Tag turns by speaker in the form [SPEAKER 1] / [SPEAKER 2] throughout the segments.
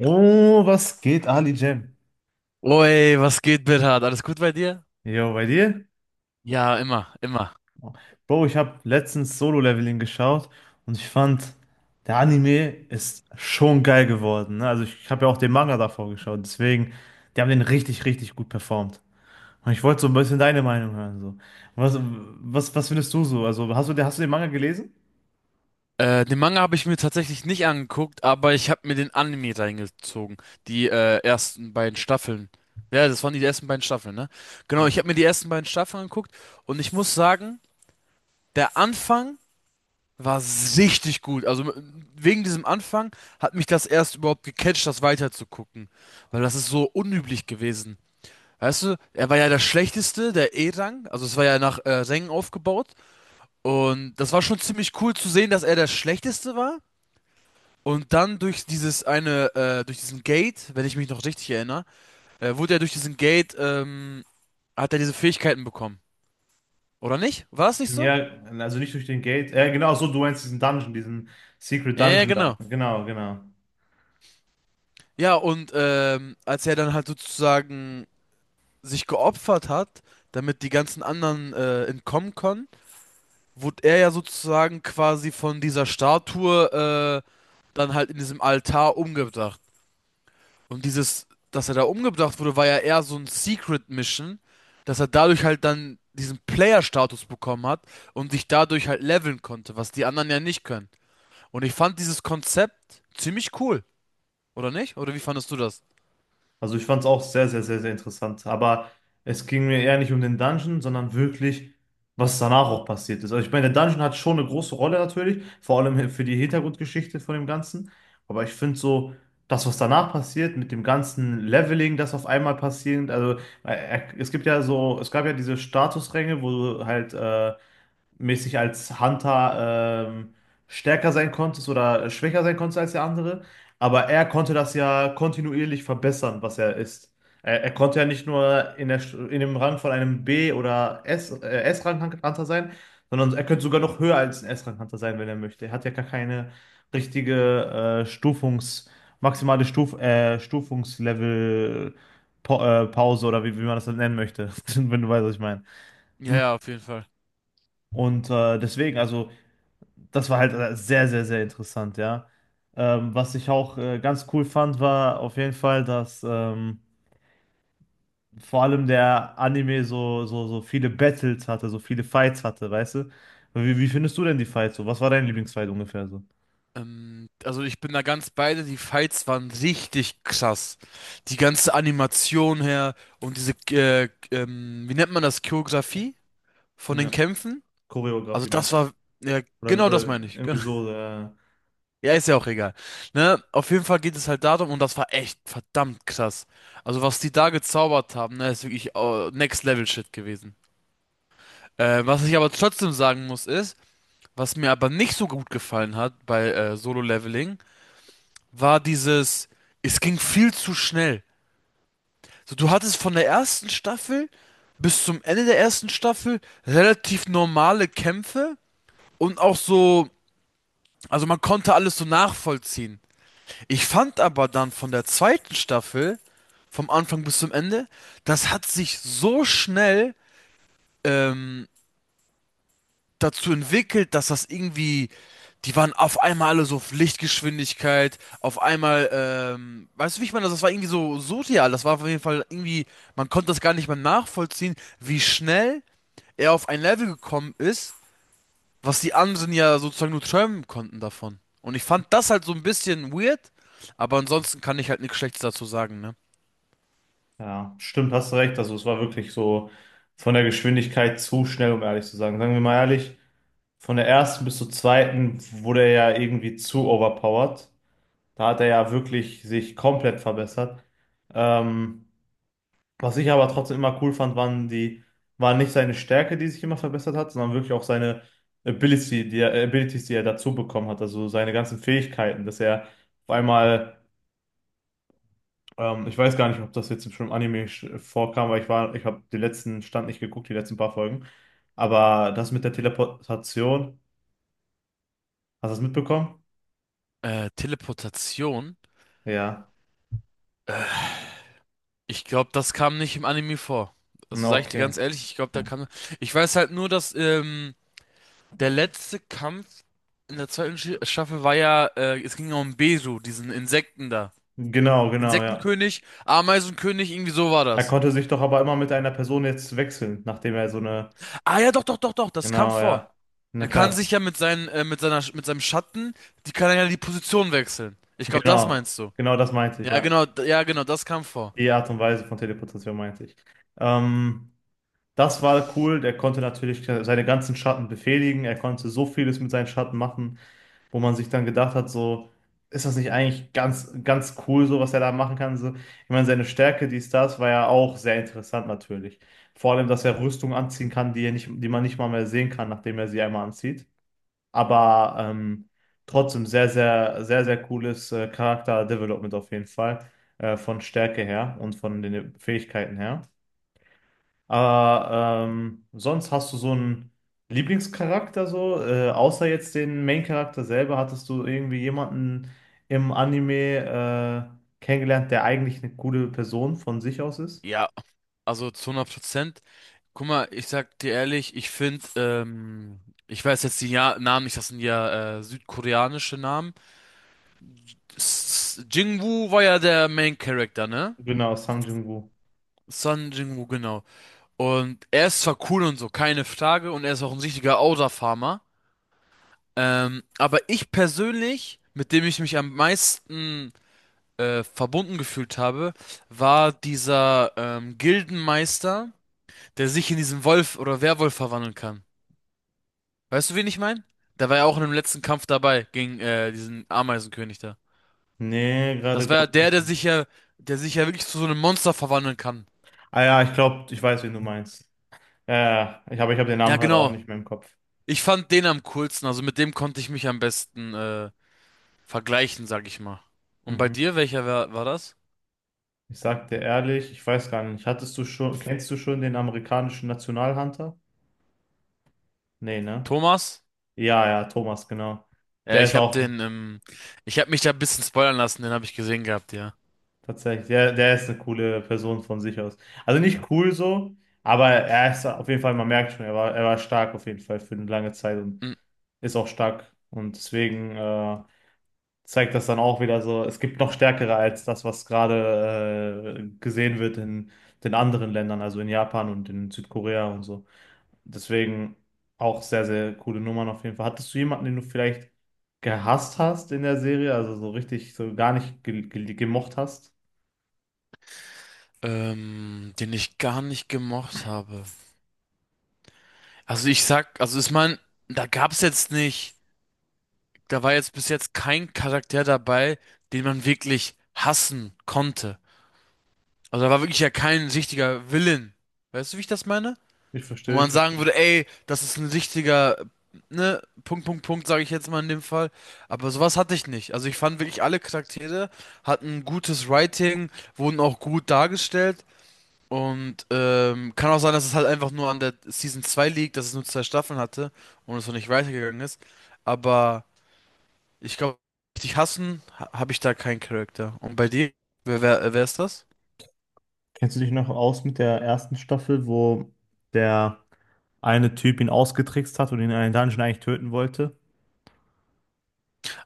[SPEAKER 1] Oh, was geht, Ali Jam?
[SPEAKER 2] Oi, was geht, Bernhard? Alles gut bei dir?
[SPEAKER 1] Jo, bei dir?
[SPEAKER 2] Ja, immer, immer.
[SPEAKER 1] Bro, ich habe letztens Solo-Leveling geschaut und ich fand, der Anime ist schon geil geworden. Ne? Also ich habe ja auch den Manga davor geschaut, deswegen, die haben den richtig, richtig gut performt. Und ich wollte so ein bisschen deine Meinung hören. So. Was findest du so? Also hast du den Manga gelesen?
[SPEAKER 2] Den Manga habe ich mir tatsächlich nicht angeguckt, aber ich habe mir den Anime reingezogen. Die ersten beiden Staffeln. Ja, das waren die ersten beiden Staffeln, ne? Genau, ich
[SPEAKER 1] Ja.
[SPEAKER 2] habe mir die ersten beiden Staffeln angeguckt und ich muss sagen, der Anfang war richtig gut. Also wegen diesem Anfang hat mich das erst überhaupt gecatcht, das weiterzugucken. Weil das ist so unüblich gewesen. Weißt du, er war ja der Schlechteste, der E-Rang. Also es war ja nach Rängen aufgebaut. Und das war schon ziemlich cool zu sehen, dass er der Schlechteste war. Und dann durch dieses durch diesen Gate, wenn ich mich noch richtig erinnere, wurde er durch diesen Gate, hat er diese Fähigkeiten bekommen. Oder nicht? War das nicht so?
[SPEAKER 1] Ja, also nicht durch den Gate. Ja, genau, so, du meinst diesen Dungeon, diesen Secret
[SPEAKER 2] Ja,
[SPEAKER 1] Dungeon da.
[SPEAKER 2] genau.
[SPEAKER 1] Genau, genau.
[SPEAKER 2] Ja, und als er dann halt sozusagen sich geopfert hat, damit die ganzen anderen entkommen können, wurde er ja sozusagen quasi von dieser Statue dann halt in diesem Altar umgebracht. Und dieses, dass er da umgebracht wurde, war ja eher so ein Secret Mission, dass er dadurch halt dann diesen Player-Status bekommen hat und sich dadurch halt leveln konnte, was die anderen ja nicht können. Und ich fand dieses Konzept ziemlich cool, oder nicht? Oder wie fandest du das?
[SPEAKER 1] Also ich fand es auch sehr, sehr, sehr, sehr interessant. Aber es ging mir eher nicht um den Dungeon, sondern wirklich, was danach auch passiert ist. Also ich meine, der Dungeon hat schon eine große Rolle natürlich, vor allem für die Hintergrundgeschichte von dem Ganzen. Aber ich finde so, das, was danach passiert, mit dem ganzen Leveling, das auf einmal passiert, also es gibt ja so, es gab ja diese Statusränge, wo du halt mäßig als Hunter stärker sein konntest oder schwächer sein konntest als der andere. Aber er konnte das ja kontinuierlich verbessern, was er ist. Er konnte ja nicht nur in der, in dem Rang von einem B- oder S, S-Rang-Hunter sein, sondern er könnte sogar noch höher als ein S-Rang-Hunter sein, wenn er möchte. Er hat ja gar keine richtige Stufungs-, maximale Stufungslevel. Pause oder wie man das dann nennen möchte, wenn du weißt, was ich meine.
[SPEAKER 2] Ja, ja, auf jeden Fall.
[SPEAKER 1] Und deswegen, also das war halt sehr, sehr, sehr interessant, ja. Was ich auch ganz cool fand, war auf jeden Fall, dass vor allem der Anime so, so, so viele Battles hatte, so viele Fights hatte, weißt du? Wie findest du denn die Fights so? Was war dein Lieblingsfight ungefähr so?
[SPEAKER 2] Also ich bin da ganz beide, die Fights waren richtig krass. Die ganze Animation her und diese, wie nennt man das, Choreografie von den
[SPEAKER 1] Ja,
[SPEAKER 2] Kämpfen? Also
[SPEAKER 1] Choreografie
[SPEAKER 2] das
[SPEAKER 1] meinst du?
[SPEAKER 2] war, ja, genau das
[SPEAKER 1] Oder
[SPEAKER 2] meine ich.
[SPEAKER 1] irgendwie so,
[SPEAKER 2] Ja, ist ja auch egal. Ne? Auf jeden Fall geht es halt darum, und das war echt verdammt krass. Also, was die da gezaubert haben, ne, ist wirklich Next Level Shit gewesen. Was ich aber trotzdem sagen muss, ist, was mir aber nicht so gut gefallen hat bei Solo Leveling, war dieses, es ging viel zu schnell. So, du hattest von der ersten Staffel bis zum Ende der ersten Staffel relativ normale Kämpfe und auch so, also man konnte alles so nachvollziehen. Ich fand aber dann von der zweiten Staffel, vom Anfang bis zum Ende, das hat sich so schnell ähm, dazu entwickelt, dass das irgendwie, die waren auf einmal alle so auf Lichtgeschwindigkeit, auf einmal, weißt du, wie ich meine, das war irgendwie so surreal, das war auf jeden Fall irgendwie, man konnte das gar nicht mehr nachvollziehen, wie schnell er auf ein Level gekommen ist, was die anderen ja sozusagen nur träumen konnten davon. Und ich fand das halt so ein bisschen weird, aber ansonsten kann ich halt nichts Schlechtes dazu sagen, ne?
[SPEAKER 1] ja, stimmt, hast du recht. Also es war wirklich so von der Geschwindigkeit zu schnell, um ehrlich zu sagen. Sagen wir mal ehrlich, von der ersten bis zur zweiten wurde er ja irgendwie zu overpowered. Da hat er ja wirklich sich komplett verbessert. Ähm, was ich aber trotzdem immer cool fand, waren die, war nicht seine Stärke, die sich immer verbessert hat, sondern wirklich auch seine Ability, die er, Abilities, die er dazu bekommen hat, also seine ganzen Fähigkeiten, dass er auf einmal, ich weiß gar nicht, ob das jetzt schon im Anime vorkam, weil ich war, ich habe den letzten Stand nicht geguckt, die letzten paar Folgen, aber das mit der Teleportation, hast du das mitbekommen?
[SPEAKER 2] Teleportation?
[SPEAKER 1] Ja.
[SPEAKER 2] Ich glaube, das kam nicht im Anime vor. Also
[SPEAKER 1] Na,
[SPEAKER 2] sage ich dir
[SPEAKER 1] okay.
[SPEAKER 2] ganz ehrlich, ich glaube, da kam. Ich weiß halt nur, dass der letzte Kampf in der zweiten Staffel war ja, es ging ja um Besu, diesen Insekten da.
[SPEAKER 1] Genau, genau, ja.
[SPEAKER 2] Insektenkönig, Ameisenkönig, irgendwie so war
[SPEAKER 1] Er
[SPEAKER 2] das.
[SPEAKER 1] konnte sich doch aber immer mit einer Person jetzt wechseln, nachdem er so eine.
[SPEAKER 2] Ah ja, doch, doch, doch, doch, das kam
[SPEAKER 1] Genau,
[SPEAKER 2] vor.
[SPEAKER 1] ja. Na
[SPEAKER 2] Er kann sich
[SPEAKER 1] klar.
[SPEAKER 2] ja mit mit seinem Schatten, die kann er ja die Position wechseln. Ich glaube, das
[SPEAKER 1] Genau.
[SPEAKER 2] meinst du.
[SPEAKER 1] Genau das meinte ich,
[SPEAKER 2] Ja,
[SPEAKER 1] ja.
[SPEAKER 2] ja, genau, das kam vor.
[SPEAKER 1] Die Art und Weise von Teleportation meinte ich. Ähm, das war cool. Der konnte natürlich seine ganzen Schatten befehligen. Er konnte so vieles mit seinen Schatten machen, wo man sich dann gedacht hat, so, ist das nicht eigentlich ganz, ganz cool, so was er da machen kann? So, ich meine, seine Stärke, die ist das war ja auch sehr interessant natürlich. Vor allem, dass er Rüstung anziehen kann, die er nicht, die man nicht mal mehr sehen kann, nachdem er sie einmal anzieht. Aber trotzdem sehr, sehr, sehr, sehr cooles Charakter-Development auf jeden Fall. Von Stärke her und von den Fähigkeiten her. Aber sonst hast du so einen Lieblingscharakter so? Außer jetzt den Main-Charakter selber, hattest du irgendwie jemanden im Anime kennengelernt, der eigentlich eine coole Person von sich aus ist?
[SPEAKER 2] Ja, also zu 100%. Guck mal, ich sag dir ehrlich, ich finde, ich weiß jetzt die ja Namen nicht, das sind ja südkoreanische Namen. Jingwoo war ja der Main Character, ne?
[SPEAKER 1] Genau, Sang Jin-woo.
[SPEAKER 2] Son Jingwoo, genau. Und er ist zwar cool und so, keine Frage, und er ist auch ein richtiger Outer farmer. Aber ich persönlich, mit dem ich mich am meisten verbunden gefühlt habe, war dieser Gildenmeister, der sich in diesen Wolf oder Werwolf verwandeln kann. Weißt du, wen ich meine? Der war ja auch in dem letzten Kampf dabei gegen diesen Ameisenkönig da.
[SPEAKER 1] Nee, gerade
[SPEAKER 2] Das war ja
[SPEAKER 1] glaube ich.
[SPEAKER 2] der sich ja wirklich zu so einem Monster verwandeln kann.
[SPEAKER 1] Ah ja, ich glaube, ich weiß, wen du meinst. Ja, ja, ich hab den
[SPEAKER 2] Ja,
[SPEAKER 1] Namen gerade auch
[SPEAKER 2] genau.
[SPEAKER 1] nicht mehr im Kopf.
[SPEAKER 2] Ich fand den am coolsten, also mit dem konnte ich mich am besten vergleichen, sag ich mal. Und bei
[SPEAKER 1] Mhm.
[SPEAKER 2] dir, war das?
[SPEAKER 1] Ich sag dir ehrlich, ich weiß gar nicht, hattest du schon, kennst du schon den amerikanischen Nationalhunter? Nee, ne?
[SPEAKER 2] Thomas?
[SPEAKER 1] Ja, ja, Thomas, genau.
[SPEAKER 2] Ja,
[SPEAKER 1] Der
[SPEAKER 2] ich
[SPEAKER 1] ist
[SPEAKER 2] hab
[SPEAKER 1] auch
[SPEAKER 2] ich hab mich da ein bisschen spoilern lassen, den habe ich gesehen gehabt, ja.
[SPEAKER 1] tatsächlich, der ist eine coole Person von sich aus. Also nicht cool so, aber er ist auf jeden Fall, man merkt schon, er war stark auf jeden Fall für eine lange Zeit und
[SPEAKER 2] Hm.
[SPEAKER 1] ist auch stark. Und deswegen zeigt das dann auch wieder so, es gibt noch stärkere als das, was gerade gesehen wird in den anderen Ländern, also in Japan und in Südkorea und so. Deswegen auch sehr, sehr coole Nummern auf jeden Fall. Hattest du jemanden, den du vielleicht gehasst hast in der Serie, also so richtig, so gar nicht ge ge gemocht hast?
[SPEAKER 2] Den ich gar nicht gemocht habe. Also ich sag, also ich mein, da gab's jetzt nicht. Da war jetzt bis jetzt kein Charakter dabei, den man wirklich hassen konnte. Also da war wirklich ja kein richtiger Villain. Weißt du, wie ich das meine?
[SPEAKER 1] Ich
[SPEAKER 2] Wo
[SPEAKER 1] verstehe, ich
[SPEAKER 2] man sagen
[SPEAKER 1] verstehe.
[SPEAKER 2] würde, ey, das ist ein richtiger, ne, Punkt, Punkt, Punkt, sage ich jetzt mal in dem Fall. Aber sowas hatte ich nicht. Also ich fand wirklich alle Charaktere hatten gutes Writing, wurden auch gut dargestellt. Und kann auch sein, dass es halt einfach nur an der Season 2 liegt, dass es nur zwei Staffeln hatte und es noch nicht weitergegangen ist. Aber. Ich glaube, richtig hassen habe ich da keinen Charakter. Und bei dir? Wer, wer ist das?
[SPEAKER 1] Kennst du dich noch aus mit der ersten Staffel, wo der eine Typ ihn ausgetrickst hat und ihn in einen Dungeon eigentlich töten wollte?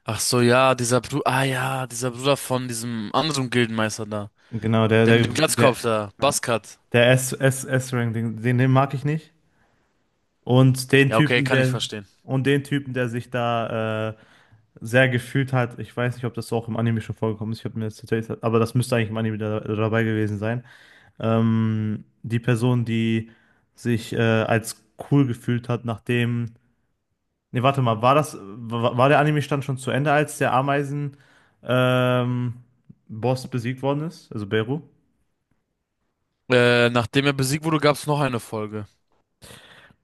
[SPEAKER 2] Ach so, ja, dieser Bruder. Ah ja, dieser Bruder von diesem anderen Gildenmeister da.
[SPEAKER 1] Genau,
[SPEAKER 2] Der mit dem Glatzkopf da.
[SPEAKER 1] ja,
[SPEAKER 2] Baskat.
[SPEAKER 1] der S-Ring, den mag ich nicht. Und den
[SPEAKER 2] Ja, okay,
[SPEAKER 1] Typen,
[SPEAKER 2] kann ich verstehen.
[SPEAKER 1] und den Typen, der sich da sehr gefühlt hat. Ich weiß nicht, ob das auch im Anime schon vorgekommen ist. Ich habe mir das tatsächlich, aber das müsste eigentlich im Anime da, dabei gewesen sein. Die Person, die sich als cool gefühlt hat, nachdem. Ne, warte mal, war der Anime-Stand schon zu Ende, als der Ameisen ähm, Boss besiegt worden ist, also Beru?
[SPEAKER 2] Nachdem er besiegt wurde, gab es noch eine Folge.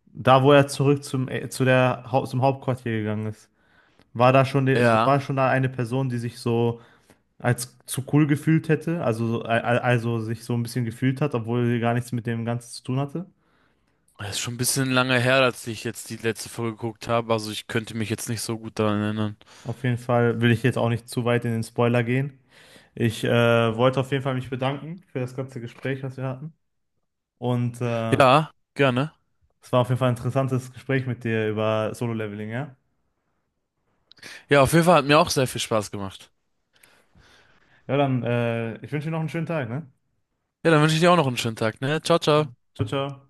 [SPEAKER 1] Da, wo er zurück zum, zum Hauptquartier gegangen ist. War da schon, die,
[SPEAKER 2] Ja.
[SPEAKER 1] war schon da eine Person, die sich so als zu cool gefühlt hätte, also, also sich so ein bisschen gefühlt hat, obwohl sie gar nichts mit dem Ganzen zu tun hatte.
[SPEAKER 2] Oh, das ist schon ein bisschen lange her, als ich jetzt die letzte Folge geguckt habe. Also ich könnte mich jetzt nicht so gut daran erinnern.
[SPEAKER 1] Auf jeden Fall will ich jetzt auch nicht zu weit in den Spoiler gehen. Ich wollte auf jeden Fall mich bedanken für das ganze Gespräch, was wir hatten. Und
[SPEAKER 2] Ja, gerne.
[SPEAKER 1] es war auf jeden Fall ein interessantes Gespräch mit dir über Solo-Leveling, ja?
[SPEAKER 2] Ja, auf jeden Fall hat mir auch sehr viel Spaß gemacht.
[SPEAKER 1] Ja, dann, ich wünsche dir noch einen schönen Tag, ne?
[SPEAKER 2] Ja, dann wünsche ich dir auch noch einen schönen Tag, ne? Ciao, ciao.
[SPEAKER 1] Ciao, ciao.